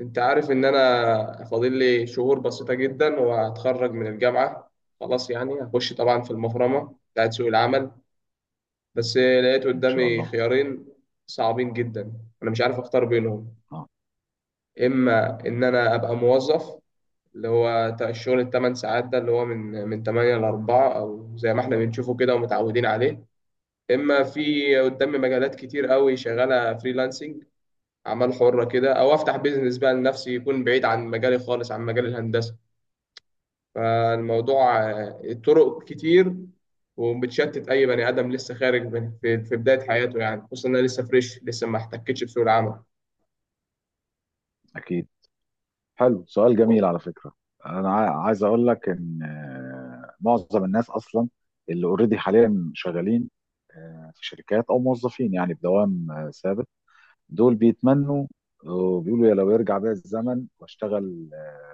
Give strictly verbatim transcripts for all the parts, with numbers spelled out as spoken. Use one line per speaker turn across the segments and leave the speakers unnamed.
انت عارف ان انا فاضل لي شهور بسيطة جدا وهتخرج من الجامعة. خلاص يعني هخش طبعا في المفرمة بتاعت سوق العمل. بس لقيت
ان شاء
قدامي
الله.
خيارين صعبين جدا، انا مش عارف اختار بينهم.
اه.
اما
آه،
ان انا ابقى موظف، اللي هو تا- الشغل الثمان ساعات ده اللي هو من من تمانية ل الرابعة، او زي ما احنا بنشوفه كده ومتعودين عليه. اما في قدامي مجالات كتير قوي شغالة فريلانسنج، اعمال حرة كده، او افتح بيزنس بقى لنفسي يكون بعيد عن مجالي خالص عن مجال الهندسة. فالموضوع آه، الطرق كتير، وبتشتت اي بني ادم لسه خارج من في, في بدايه حياته يعني، خصوصا انا لسه فريش لسه ما احتكتش بسوق العمل.
اكيد. حلو، سؤال جميل على فكره. انا عا- عايز اقول لك ان آه، معظم الناس اصلا اللي اوريدي حاليا شغالين آه، في شركات او موظفين، يعني بدوام آه، ثابت. دول بيتمنوا وبيقولوا: يا لو يرجع بيا الزمن واشتغل، آه،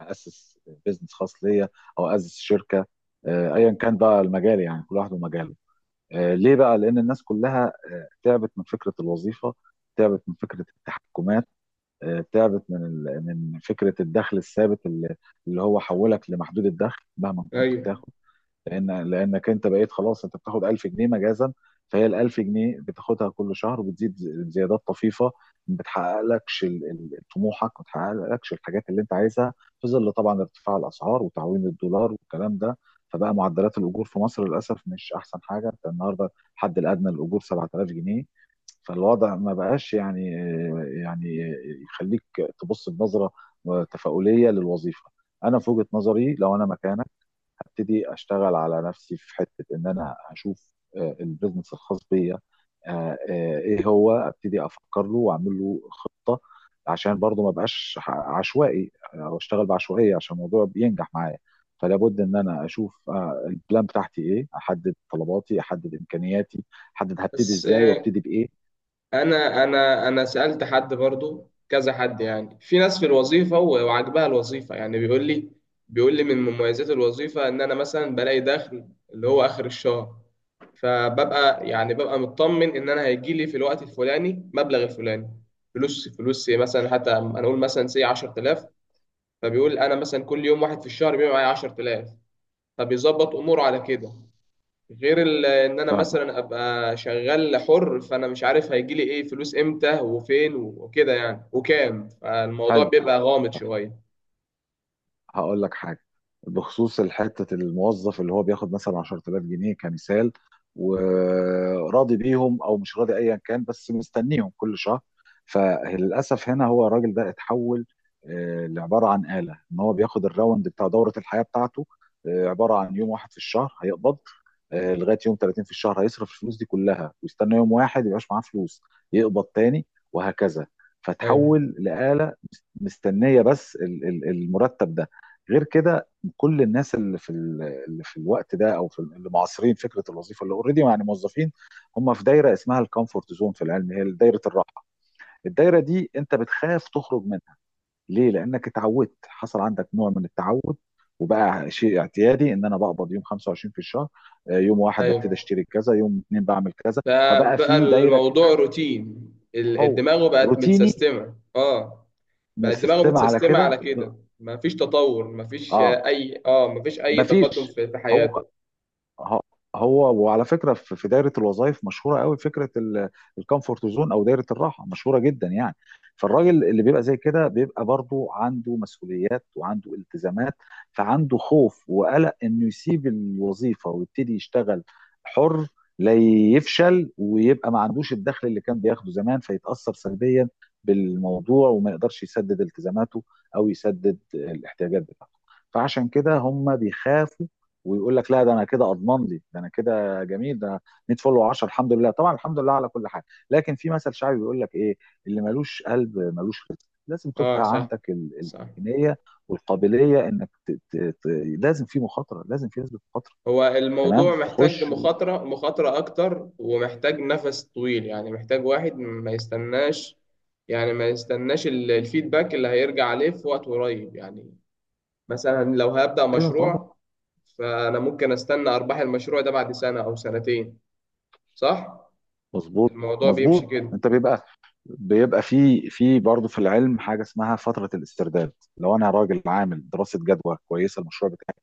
اسس بيزنس خاص ليا او اسس شركه. آه، ايا كان بقى المجال، يعني كل واحد ومجاله. آه، ليه بقى؟ لان الناس كلها تعبت من فكره الوظيفه، تعبت من فكره التحكمات، آه، تعبت من ال- من فكره الدخل الثابت، اللي اللي هو حولك لمحدود الدخل مهما كنت
ايوه.
بتاخد. لان لانك انت بقيت خلاص، انت بتاخد الف جنيه مجازا. فهي ال الالف جنيه بتاخدها كل شهر، وبتزيد ز- زيادات طفيفه. ما بتحققلكش ال- ال- طموحك، ما بتحققلكش الحاجات اللي انت عايزها، في ظل طبعا ارتفاع الاسعار وتعويم الدولار والكلام ده. فبقى معدلات الاجور في مصر للاسف مش احسن حاجه. انت النهارده الحد الادنى للاجور سبعة آلاف جنيه. فالوضع ما بقاش يعني يعني يخليك تبص بنظرة تفاؤلية للوظيفة. انا في وجهة نظري، لو انا مكانك، هبتدي اشتغل على نفسي، في حتة ان انا هشوف آه، البيزنس الخاص بيا. آه، آه، ايه هو؟ ابتدي افكر له واعمل له خطة، عشان برضه ما بقاش ح- عشوائي، آه، او اشتغل بعشوائية عشان الموضوع بينجح معايا. فلابد ان انا اشوف آه، البلان بتاعتي ايه، احدد طلباتي، احدد امكانياتي، احدد هبتدي
بس
ازاي
آه،
وابتدي بايه.
انا انا انا سالت حد برضو كذا حد يعني، في ناس في الوظيفه و- وعجبها الوظيفه، يعني بيقول لي بيقول لي من مميزات الوظيفه ان انا مثلا بلاقي دخل اللي هو اخر الشهر، فببقى يعني ببقى مطمن ان انا هيجي لي في الوقت الفلاني مبلغ الفلاني. فلوس فلوس إيه مثلا، حتى انا اقول مثلا سي عشرة آلاف. فبيقول انا مثلا كل يوم واحد في الشهر بيبقى معايا عشرة آلاف، فبيظبط اموره على كده. غير ال- ان انا مثلا ابقى شغال حر، فانا مش عارف هيجي لي ايه فلوس، امتى وفين وكده يعني وكام، فالموضوع
حلو،
بيبقى غامض شويه.
هقول لك حاجه. بخصوص الحته، الموظف اللي هو بياخد مثلا عشر آلاف جنيه كمثال، وراضي بيهم او مش راضي ايا كان، بس مستنيهم كل شهر. فللاسف هنا هو الراجل ده اتحول آه، لعباره عن آلة، ان هو بياخد الراوند بتاع دوره الحياه بتاعته. آه، عباره عن يوم واحد في الشهر هيقبض، آه، لغايه يوم تلاتين في الشهر هيصرف الفلوس دي كلها، ويستنى يوم واحد يبقاش معاه فلوس، يقبض تاني، وهكذا.
ايوه.
فتحول لآلة مستنيه بس ال- ال- المرتب ده. غير كده، كل الناس اللي في ال- اللي في الوقت ده، او في ال- اللي معاصرين فكره الوظيفه اللي اوريدي يعني موظفين، هم في دايره اسمها الكومفورت زون في العلم، هي دايره الراحه. الدايره دي انت بتخاف تخرج منها. ليه؟ لانك اتعودت، حصل عندك نوع من التعود، وبقى شيء اعتيادي ان انا بقبض يوم خمسة وعشرين في الشهر. آه، يوم واحد ببتدي
ايوه.
اشتري كذا، يوم اتنين بعمل كذا. فبقى
فبقى
في دايره
الموضوع
كده.
روتين، ال-
هو
الدماغ بقت
روتيني
متسيستمه، اه.
من
بقت دماغه
السيستم على
متسيستمه
كده
على
ب...
كده، مفيش تطور، مفيش
اه.
آه، اي اه مفيش اي تقدم
مفيش
في في
هو
حياته.
ه- هو وعلى فكره في في دايره الوظائف مشهوره قوي فكره الكومفورت زون او دايره الراحه، مشهوره جدا يعني. فالراجل اللي بيبقى زي كده بيبقى برضو عنده مسؤوليات وعنده التزامات. فعنده خوف وقلق انه يسيب الوظيفه ويبتدي يشتغل حر، لا يفشل ويبقى ما عندوش الدخل اللي كان بياخده زمان، فيتاثر سلبيا بالموضوع وما يقدرش يسدد التزاماته او يسدد الاحتياجات بتاعته. فعشان كده هم بيخافوا. ويقول لك: لا، ده انا كده اضمن لي، ده انا كده جميل، ده مية فولو و10، الحمد لله، طبعا الحمد لله على كل حاجه. لكن في مثل شعبي بيقول لك ايه؟ اللي ملوش قلب ملوش رزق. لازم
اه،
تبقى
صح.
عندك ال-
صح.
الامكانيه والقابليه انك ت... ت... ت... لازم في مخاطره، لازم في نسبه مخاطره.
هو
تمام،
الموضوع محتاج
تخش و...
مخاطرة مخاطرة أكتر، ومحتاج نفس طويل يعني، محتاج واحد ما يستناش، يعني ما يستناش ال- الفيدباك اللي هيرجع عليه في وقت قريب يعني. مثلا لو هبدأ
ايوه طبعا.
مشروع، فأنا ممكن أستنى أرباح المشروع ده بعد سنة أو سنتين، صح؟
مظبوط
الموضوع بيمشي
مظبوط
كده.
انت بيبقى بيبقى في في برضه في العلم حاجه اسمها فتره الاسترداد. لو انا راجل عامل دراسه جدوى كويسه المشروع بتاعي،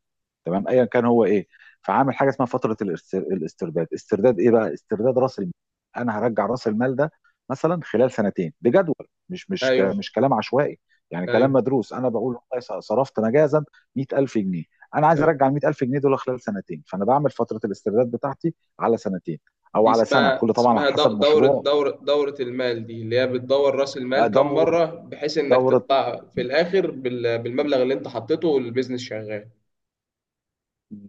تمام ايا كان هو ايه، فعامل حاجه اسمها فتره الاست- الاسترداد. استرداد ايه بقى؟ استرداد راس المال. انا هرجع راس المال ده مثلا خلال سنتين بجدول. مش مش ك-
أيوه.
مش كلام عشوائي، يعني كلام
أيوه.
مدروس. انا بقول والله صرفت مجازا مئة ألف جنيه. انا عايز ارجع
تمام.
ال المئة ألف جنيه دول خلال سنتين، فانا بعمل فتره الاسترداد بتاعتي على سنتين، او
دي
على سنه،
اسمها
كل طبعا على
اسمها دو-
حسب
دورة
مشروع.
دورة دورة المال، دي اللي هي بتدور رأس المال كم
دوره،
مرة، بحيث إنك
دوره،
تطلع في الآخر بال- بالمبلغ اللي أنت حطيته والبيزنس شغال،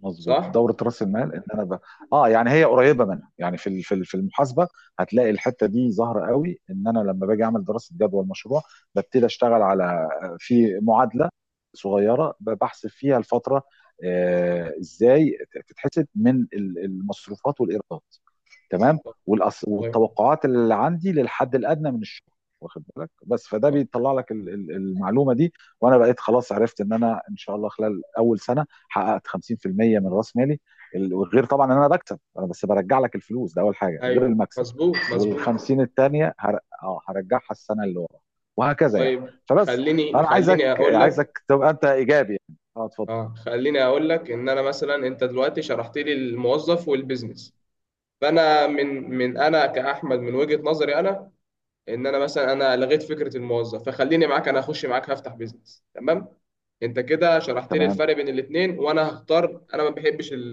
مظبوط،
صح؟
دورة رأس المال، ان انا ب... اه، يعني هي قريبة منها يعني، في ال- في ال- في المحاسبة هتلاقي الحتة دي ظاهرة قوي. ان انا لما باجي اعمل دراسة جدوى المشروع، ببتدي اشتغل على، في معادلة صغيرة بحسب فيها الفترة. آه ازاي تتحسب؟ من ال- المصروفات والايرادات، تمام، والأص...
طيب.
والتوقعات اللي عندي للحد الادنى من الشغل. واخد بالك؟ بس فده
طيب.
بيطلع لك ال- ال- المعلومه دي. وانا بقيت خلاص عرفت ان انا ان شاء الله خلال اول سنه حققت خمسين في المية من راس مالي. ال- غير طبعا ان انا بكسب. انا بس برجع لك الفلوس ده اول حاجه، غير
أيوه،
المكسب.
مظبوط.
وال
مظبوط.
الخمسين الثانيه هر... اه هرجعها السنه اللي ورا، وهكذا يعني.
طيب.
فبس،
خليني
فانا عايزك
خليني أقول لك.
عايزك تبقى انت ايجابي يعني. اه، اتفضل.
أه، خليني أقول لك إن أنا مثلا، أنت دلوقتي شرحت لي الموظف والبيزنس، فأنا من من أنا كأحمد من وجهة نظري أنا، ان انا مثلا انا لغيت فكره الموظف، فخليني معاك، انا اخش معاك هفتح بيزنس، تمام. انت كده شرحت لي
تمام.
الفرق بين الاثنين وانا هختار. انا ما بحبش ال...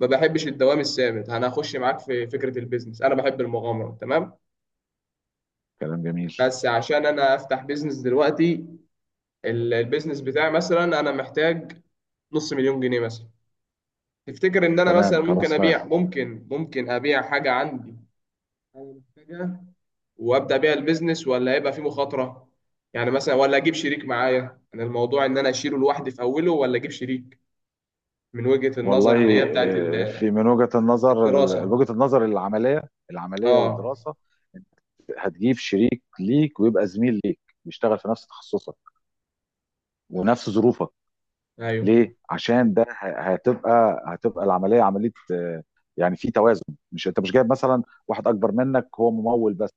ما بحبش الدوام الثابت، انا هخش معاك في فكره البيزنس، انا بحب المغامره، تمام.
كلام جميل.
بس عشان انا افتح بيزنس دلوقتي، ال- البيزنس بتاعي مثلا انا محتاج نص مليون جنيه مثلا. تفتكر ان انا مثلا
تمام،
ممكن
كراس مال.
ابيع، ممكن ممكن ابيع حاجه عندي انا محتاجها، وابدا بيها البيزنس، ولا هيبقى في مخاطره؟ يعني مثلا، ولا اجيب شريك معايا؟ انا الموضوع ان انا اشيله لوحدي في اوله، ولا اجيب شريك، من وجهة النظر اللي
والله،
هي بتاعت
آه،
ال-
في من وجهة النظر ال-
الدراسة.
وجهة النظر العملية، العملية
اه.
والدراسة. انت هتجيب شريك ليك، ويبقى زميل ليك بيشتغل في نفس تخصصك ونفس ظروفك.
ايوه.
ليه؟ عشان ده ه- هتبقى هتبقى العملية عملية، آه، يعني في توازن. مش انت مش جايب مثلا واحد اكبر منك هو ممول بس،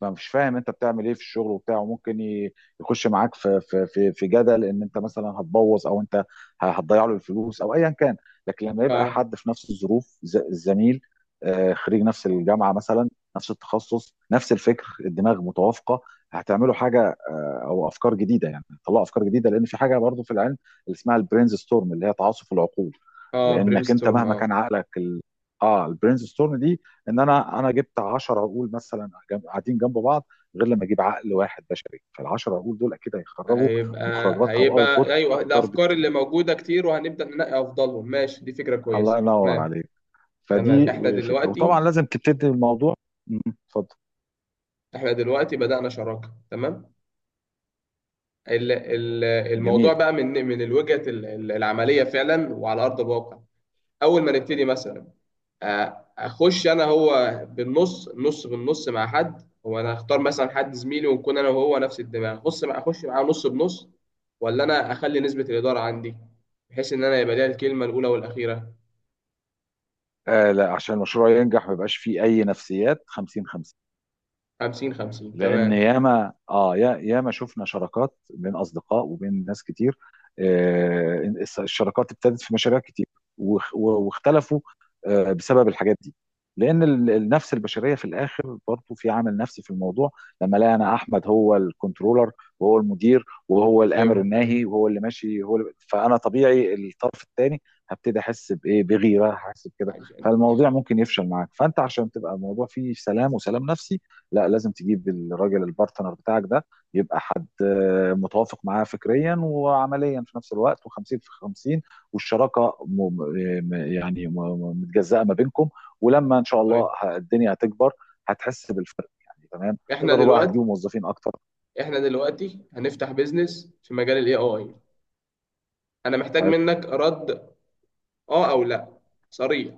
فمش فاهم انت بتعمل ايه في الشغل وبتاع، وممكن ي- يخش معاك في في في في جدل ان انت مثلا هتبوظ، او انت ه- هتضيع له الفلوس، او ايا كان. لكن لما يبقى
اه،
حد في نفس الظروف، ز- الزميل، آه، خريج نفس الجامعه مثلا، نفس التخصص، نفس الفكر، الدماغ متوافقه، هتعملوا حاجه او افكار جديده. يعني طلعوا افكار جديده، لان في حاجه برضو في العلم اللي اسمها البرينز ستورم، اللي هي تعاصف العقول.
اه، برين
لانك انت
ستورم،
مهما
اه.
كان عقلك ال... اه البرينز ستورم دي، ان انا انا جبت عشر عقول مثلا جنب- قاعدين جنب بعض، غير لما اجيب عقل واحد بشري. فال العشرة عقول دول اكيد هيخرجوا
هيبقى
مخرجات او اوت بوت
هيبقى ايوه،
اكتر
الافكار
بكتير.
اللي موجوده كتير، وهنبدا ننقي افضلهم، ماشي، دي فكره
الله
كويسه،
ينور
تمام.
عليك.
تمام،
فدي
احنا
فكره،
دلوقتي
وطبعا لازم تبتدي الموضوع. مم، اتفضل.
احنا دلوقتي بدانا شراكه، تمام. ال- ال- الموضوع
جميل.
بقى من من الوجهه ال- ال- العمليه فعلا، وعلى ارض الواقع. اول ما نبتدي مثلا، آه، اخش انا هو بالنص نص بالنص مع حد، هو انا اختار مثلا حد زميلي ونكون انا وهو نفس الدماغ، اخش مع اخش معاه نص بنص، ولا انا اخلي نسبة الادارة عندي بحيث ان انا يبقى ليا الكلمة الاولى والاخيرة؟
آه لا، عشان المشروع ينجح ما يبقاش فيه اي نفسيات خمسين خمسين.
خمسين خمسين،
لان
تمام.
ياما، اه يا- ياما شفنا شراكات بين اصدقاء وبين ناس كتير. آه، الس- الشراكات ابتدت في مشاريع كتير، واخ- و- واختلفوا آه، بسبب الحاجات دي. لان ال- النفس البشريه في الاخر برضه في عامل نفسي في الموضوع. لما الاقي انا احمد هو الكنترولر، وهو المدير، وهو
ايوه.
الامر
ايوه.
الناهي، وهو اللي ماشي، هو اللي، فانا طبيعي الطرف الثاني هبتدي احس بايه؟ بغيره، هحس بكده.
عايش أنت.
فالموضوع ممكن يفشل معاك. فانت عشان تبقى الموضوع فيه سلام وسلام نفسي، لا، لازم تجيب الراجل البارتنر بتاعك ده يبقى حد آه، متوافق معاه فكريا وعمليا في نفس الوقت، و50 في خمسين، والشراكه م... م- يعني م- م- متجزأه ما بينكم. ولما ان شاء الله
طيب،
ه- الدنيا هتكبر، هتحس بالفرق يعني. تمام،
احنا
تقدروا بقى
دلوقتي
هتجيبوا موظفين اكتر.
احنا دلوقتي هنفتح بيزنس في مجال الاي اي، انا محتاج
حلو.
منك رد، اه او لا، صريح.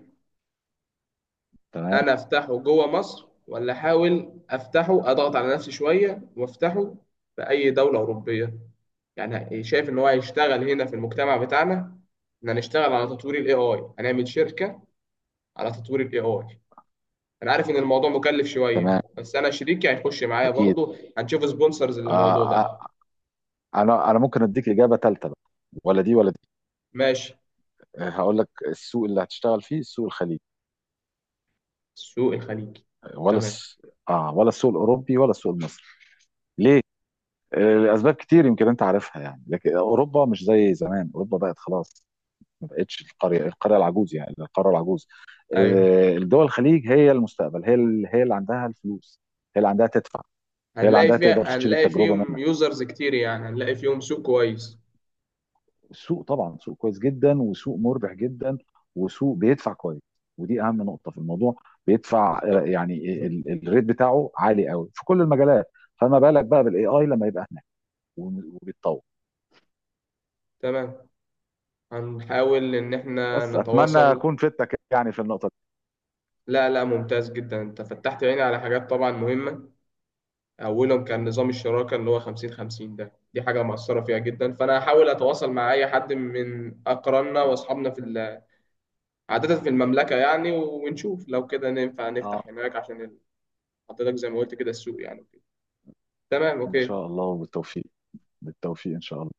تمام.
انا افتحه جوه مصر، ولا احاول افتحه، اضغط على نفسي شويه وافتحه في اي دوله اوروبيه؟ يعني شايف ان هو هيشتغل هنا في المجتمع بتاعنا، ان هنشتغل على تطوير الاي اي، هنعمل شركه على تطوير الاي اي؟ انا عارف ان الموضوع مكلف شويه،
تمام.
بس انا شريكي هيخش معايا
اكيد.
برضه، هنشوف سبونسرز
آه
للموضوع
آه،
ده.
انا انا ممكن اديك اجابه ثالثه بقى، ولا دي ولا دي.
ماشي.
آه، هقول لك، السوق اللي هتشتغل فيه، السوق الخليجي
السوق الخليجي،
ولا
تمام.
الس... اه ولا السوق الاوروبي ولا السوق المصري؟ ليه؟ لاسباب كتير يمكن انت عارفها يعني، لكن اوروبا مش زي زمان، اوروبا بقت خلاص، ما بقتش القريه القريه العجوز، يعني القاره العجوز.
ايوه،
آه، الدول الخليج هي المستقبل، هي ال- هي اللي عندها الفلوس، هي اللي عندها تدفع، هي اللي
هنلاقي
عندها تقدر
فيها
تشتري
هنلاقي
التجربه
فيهم
منك.
يوزرز كتير يعني، هنلاقي فيهم سوق كويس.
السوق طبعا سوق كويس جدا، وسوق مربح جدا، وسوق بيدفع كويس، ودي اهم نقطه في الموضوع. بيدفع آه،
بالظبط.
يعني
بالظبط.
ال- ال- الريت بتاعه عالي قوي في كل المجالات. فما بالك بقى بالاي اي لما يبقى هناك وبيتطور؟
تمام، هنحاول إن إحنا
بس اتمنى
نتواصل.
اكون فدتك يعني في النقطه دي.
لا، لا، ممتاز جدا، أنت فتحت عيني على حاجات طبعا مهمة. أولهم كان نظام الشراكة اللي هو خمسين خمسين ده، دي حاجة مؤثرة فيها جدا، فأنا هحاول أتواصل مع أي حد من أقراننا وأصحابنا في ال- عادة في المملكة يعني، ونشوف لو كده ننفع
اه،
نفتح هناك عشان ال- حضرتك زي ما قلت كده السوق يعني، وكده. تمام،
ان شاء
أوكي.
الله وبالتوفيق. بالتوفيق ان شاء الله.